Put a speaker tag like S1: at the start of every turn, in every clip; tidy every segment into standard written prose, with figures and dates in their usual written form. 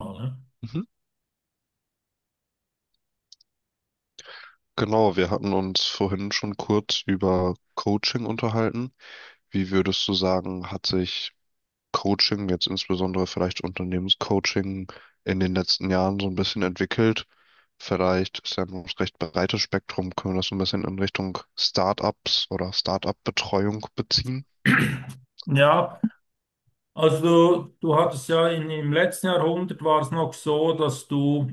S1: Ne?
S2: Mhm. Genau, wir hatten uns vorhin schon kurz über Coaching unterhalten. Wie würdest du sagen, hat sich Coaching, jetzt insbesondere vielleicht Unternehmenscoaching, in den letzten Jahren so ein bisschen entwickelt? Vielleicht ist ja ein recht breites Spektrum, können wir das so ein bisschen in Richtung Startups oder Startup-Betreuung beziehen?
S1: Ja, also du hattest ja im letzten Jahrhundert war es noch so, dass du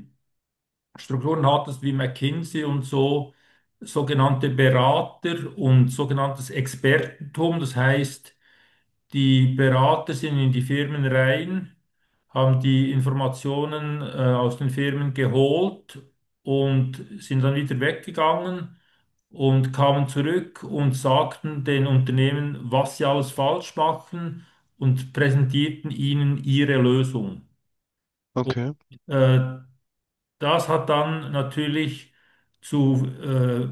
S1: Strukturen hattest wie McKinsey und so, sogenannte Berater und sogenanntes Expertentum. Das heißt, die Berater sind in die Firmen rein, haben die Informationen aus den Firmen geholt und sind dann wieder weggegangen und kamen zurück und sagten den Unternehmen, was sie alles falsch machen und präsentierten ihnen ihre Lösung. Und
S2: Okay.
S1: äh, das hat dann natürlich zu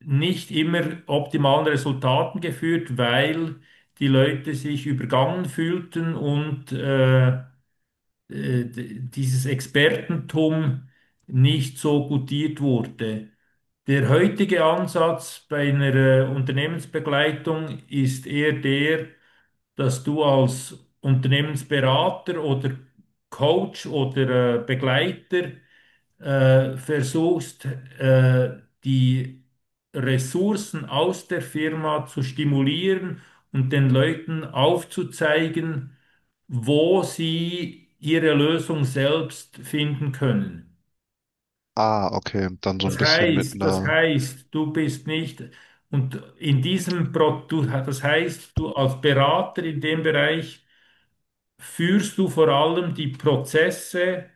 S1: nicht immer optimalen Resultaten geführt, weil die Leute sich übergangen fühlten und dieses Expertentum nicht so gutiert wurde. Der heutige Ansatz bei einer Unternehmensbegleitung ist eher der, dass du als Unternehmensberater oder Coach oder Begleiter versuchst, äh, die Ressourcen aus der Firma zu stimulieren und den Leuten aufzuzeigen, wo sie ihre Lösung selbst finden können.
S2: Ah, okay, dann so ein
S1: Das
S2: bisschen mit
S1: heißt, das
S2: einer.
S1: heißt, du bist nicht und in diesem Produkt, das heißt, du als Berater in dem Bereich führst du vor allem die Prozesse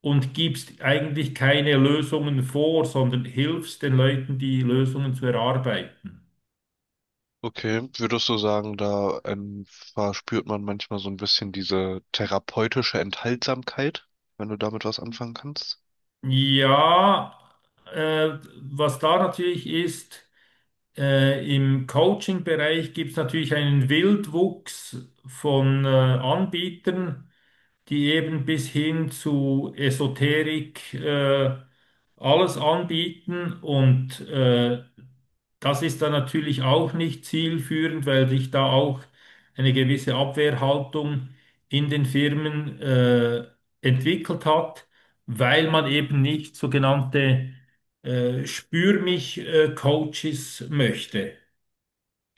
S1: und gibst eigentlich keine Lösungen vor, sondern hilfst den Leuten, die Lösungen zu erarbeiten.
S2: Okay, würdest du sagen, da verspürt man manchmal so ein bisschen diese therapeutische Enthaltsamkeit, wenn du damit was anfangen kannst?
S1: Ja, was da natürlich ist, im Coaching-Bereich gibt es natürlich einen Wildwuchs von Anbietern, die eben bis hin zu Esoterik alles anbieten und das ist dann natürlich auch nicht zielführend, weil sich da auch eine gewisse Abwehrhaltung in den Firmen entwickelt hat, weil man eben nicht sogenannte Spür mich Coaches möchte.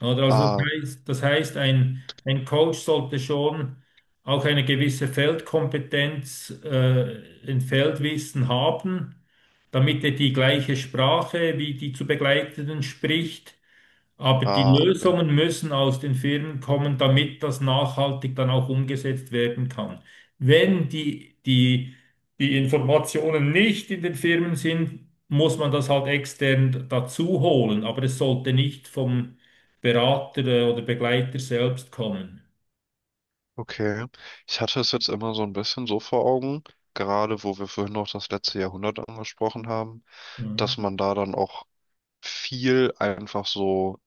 S1: Oder also das
S2: Ah,
S1: heißt, das heißt ein Coach sollte schon auch eine gewisse Feldkompetenz, ein Feldwissen haben, damit er die gleiche Sprache wie die zu Begleitenden spricht, aber die
S2: ah, okay.
S1: Lösungen müssen aus den Firmen kommen, damit das nachhaltig dann auch umgesetzt werden kann. Wenn die Informationen nicht in den Firmen sind, muss man das halt extern dazu holen, aber es sollte nicht vom Berater oder Begleiter selbst kommen.
S2: Okay. Ich hatte es jetzt immer so ein bisschen so vor Augen, gerade wo wir vorhin noch das letzte Jahrhundert angesprochen haben, dass
S1: Mhm.
S2: man da dann auch viel einfach so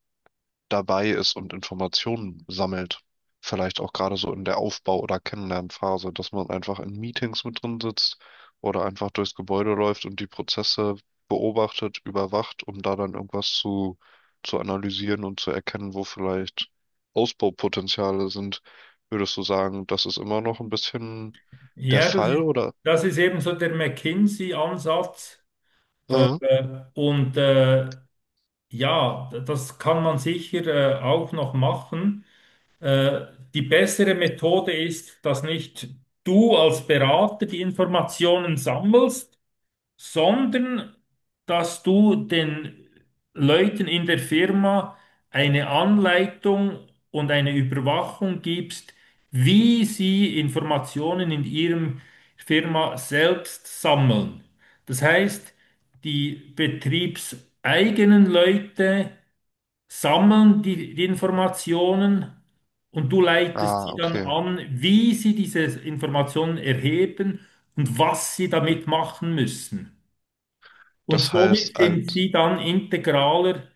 S2: dabei ist und Informationen sammelt. Vielleicht auch gerade so in der Aufbau- oder Kennenlernphase, dass man einfach in Meetings mit drin sitzt oder einfach durchs Gebäude läuft und die Prozesse beobachtet, überwacht, um da dann irgendwas zu analysieren und zu erkennen, wo vielleicht Ausbaupotenziale sind. Würdest du sagen, das ist immer noch ein bisschen der
S1: Ja, das
S2: Fall,
S1: ist,
S2: oder?
S1: das ist eben so der McKinsey-Ansatz. Äh,
S2: Mhm.
S1: und äh, ja, das kann man sicher auch noch machen. Äh, die bessere Methode ist, dass nicht du als Berater die Informationen sammelst, sondern dass du den Leuten in der Firma eine Anleitung und eine Überwachung gibst, wie sie Informationen in ihrem Firma selbst sammeln. Das heißt, die betriebseigenen Leute sammeln die Informationen und du leitest
S2: Ah,
S1: sie dann
S2: okay.
S1: an, wie sie diese Informationen erheben und was sie damit machen müssen. Und
S2: Das
S1: somit
S2: heißt,
S1: sind
S2: als.
S1: sie dann integraler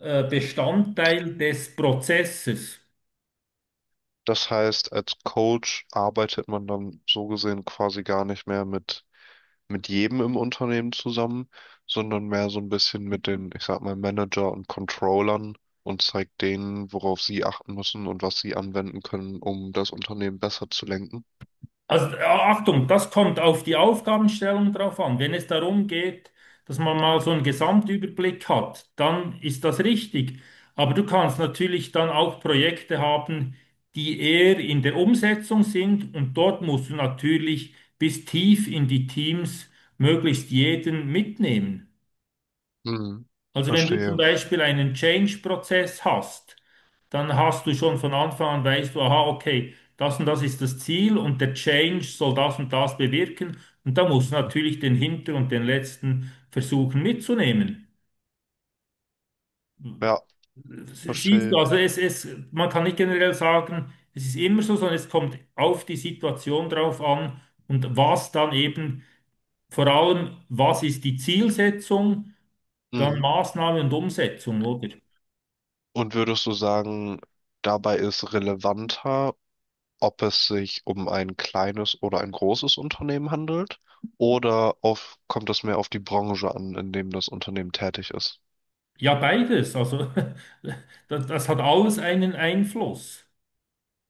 S1: Bestandteil des Prozesses.
S2: Das heißt, als Coach arbeitet man dann so gesehen quasi gar nicht mehr mit jedem im Unternehmen zusammen, sondern mehr so ein bisschen mit den, ich sag mal, Manager und Controllern und zeigt denen, worauf sie achten müssen und was sie anwenden können, um das Unternehmen besser zu lenken.
S1: Also Achtung, das kommt auf die Aufgabenstellung drauf an. Wenn es darum geht, dass man mal so einen Gesamtüberblick hat, dann ist das richtig. Aber du kannst natürlich dann auch Projekte haben, die eher in der Umsetzung sind, und dort musst du natürlich bis tief in die Teams möglichst jeden mitnehmen.
S2: Mhm.
S1: Also wenn du zum
S2: Verstehe.
S1: Beispiel einen Change-Prozess hast, dann hast du schon von Anfang an, weißt du, aha, okay, das und das ist das Ziel und der Change soll das und das bewirken. Und da musst du natürlich den Hinter- und den letzten versuchen mitzunehmen.
S2: Ja,
S1: Siehst du,
S2: verstehe.
S1: also man kann nicht generell sagen, es ist immer so, sondern es kommt auf die Situation drauf an und was dann eben, vor allem, was ist die Zielsetzung, dann
S2: Mhm.
S1: Maßnahme und Umsetzung, oder?
S2: Und würdest du sagen, dabei ist relevanter, ob es sich um ein kleines oder ein großes Unternehmen handelt oder auf, kommt es mehr auf die Branche an, in dem das Unternehmen tätig ist?
S1: Ja, beides. Also das hat alles einen Einfluss.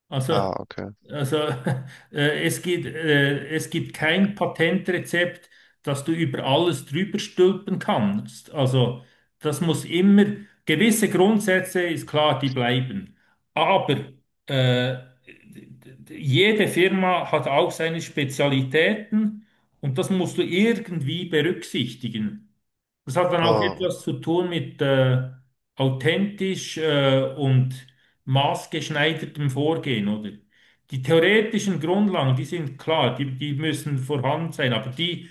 S1: Also,
S2: Ah, okay.
S1: also, es gibt kein Patentrezept, das du über alles drüber stülpen kannst. Also das muss immer, gewisse Grundsätze ist klar, die bleiben. Aber äh, d- jede Firma hat auch seine Spezialitäten und das musst du irgendwie berücksichtigen. Das hat dann auch
S2: Ah,
S1: etwas zu tun mit authentisch und maßgeschneidertem Vorgehen, oder? Die theoretischen Grundlagen, die sind klar, die müssen vorhanden sein, aber die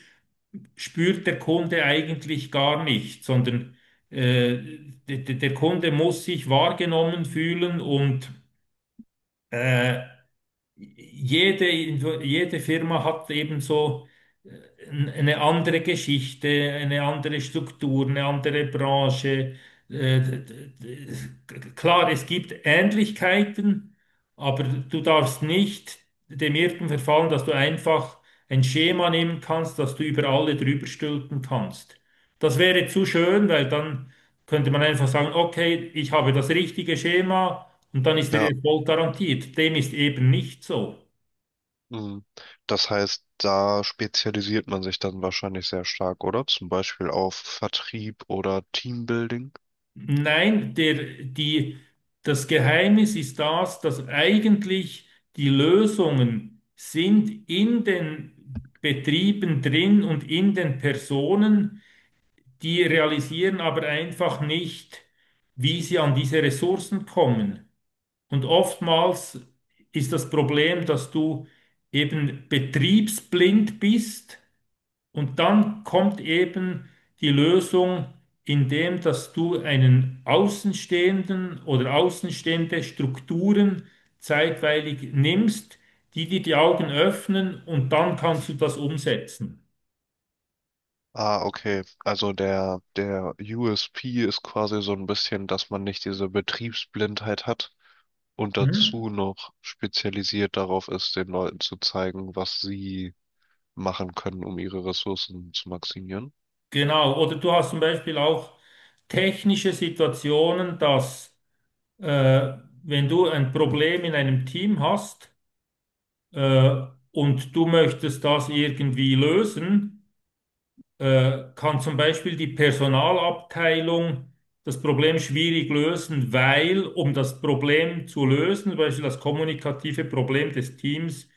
S1: spürt der Kunde eigentlich gar nicht, sondern äh, der Kunde muss sich wahrgenommen fühlen und äh, jede, jede Firma hat eben so äh, eine andere Geschichte, eine andere Struktur, eine andere Branche. Äh, d- d- d- Klar, es gibt Ähnlichkeiten, aber du darfst nicht dem Irrtum verfallen, dass du einfach ein Schema nehmen kannst, das du über alle drüber stülpen kannst. Das wäre zu schön, weil dann könnte man einfach sagen, okay, ich habe das richtige Schema und dann ist der
S2: ja.
S1: Erfolg garantiert. Dem ist eben nicht so.
S2: Hm. Das heißt, da spezialisiert man sich dann wahrscheinlich sehr stark, oder? Zum Beispiel auf Vertrieb oder Teambuilding.
S1: Nein, die, das Geheimnis ist das, dass eigentlich die Lösungen sind in den Betrieben drin und in den Personen, die realisieren aber einfach nicht, wie sie an diese Ressourcen kommen. Und oftmals ist das Problem, dass du eben betriebsblind bist und dann kommt eben die Lösung, indem dass du einen Außenstehenden oder außenstehende Strukturen zeitweilig nimmst, die dir die Augen öffnen und dann kannst du das umsetzen.
S2: Ah, okay. Also der USP ist quasi so ein bisschen, dass man nicht diese Betriebsblindheit hat, und
S1: Mhm.
S2: dazu noch spezialisiert darauf ist, den Leuten zu zeigen, was sie machen können, um ihre Ressourcen zu maximieren.
S1: Genau. Oder du hast zum Beispiel auch technische Situationen, dass äh, wenn du ein Problem in einem Team hast äh, und du möchtest das irgendwie lösen, kann zum Beispiel die Personalabteilung das Problem schwierig lösen, weil, um das Problem zu lösen, zum Beispiel das kommunikative Problem des Teams,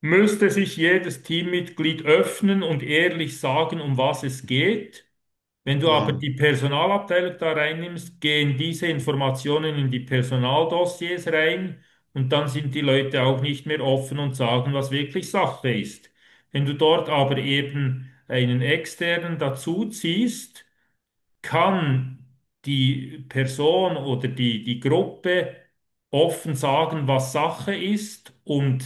S1: müsste sich jedes Teammitglied öffnen und ehrlich sagen, um was es geht. Wenn du aber
S2: Hm.
S1: die Personalabteilung da reinnimmst, gehen diese Informationen in die Personaldossiers rein und dann sind die Leute auch nicht mehr offen und sagen, was wirklich Sache ist. Wenn du dort aber eben einen externen dazu ziehst, kann die Person oder die Gruppe offen sagen, was Sache ist, und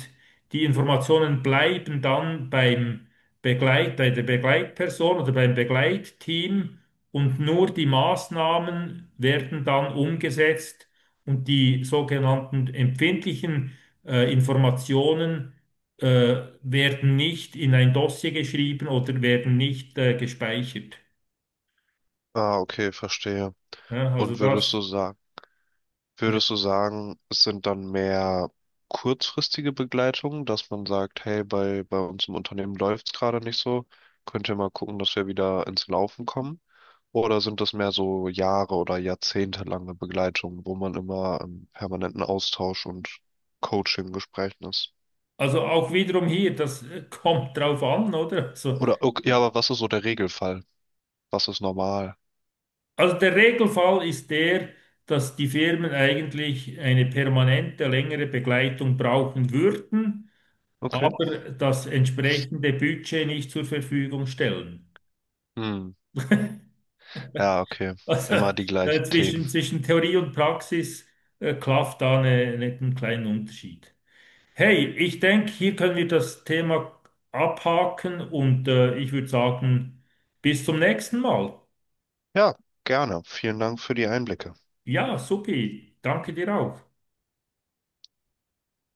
S1: die Informationen bleiben dann beim bei der Begleitperson oder beim Begleitteam, und nur die Maßnahmen werden dann umgesetzt und die sogenannten empfindlichen Informationen werden nicht in ein Dossier geschrieben oder werden nicht gespeichert.
S2: Ah, okay, verstehe.
S1: Ja, also
S2: Und würdest
S1: das.
S2: du sagen,
S1: Ja.
S2: würdest du sagen, es sind dann mehr kurzfristige Begleitungen, dass man sagt, hey, bei uns im Unternehmen läuft es gerade nicht so, könnt ihr mal gucken, dass wir wieder ins Laufen kommen? Oder sind das mehr so Jahre oder jahrzehntelange Begleitungen, wo man immer im permanenten Austausch und Coaching-Gesprächen ist?
S1: Also auch wiederum hier, das kommt drauf an, oder?
S2: Oder, okay, ja, aber was ist so der Regelfall? Was ist normal?
S1: Also der Regelfall ist der, dass die Firmen eigentlich eine permanente, längere Begleitung brauchen würden,
S2: Okay.
S1: aber das entsprechende Budget nicht zur Verfügung stellen.
S2: Hm. Ja, okay.
S1: Also
S2: Immer die gleichen Themen.
S1: zwischen Theorie und Praxis klafft da einen kleinen Unterschied. Hey, ich denke, hier können wir das Thema abhaken und ich würde sagen, bis zum nächsten Mal.
S2: Ja, gerne. Vielen Dank für die Einblicke.
S1: Ja, supi. Danke dir auch.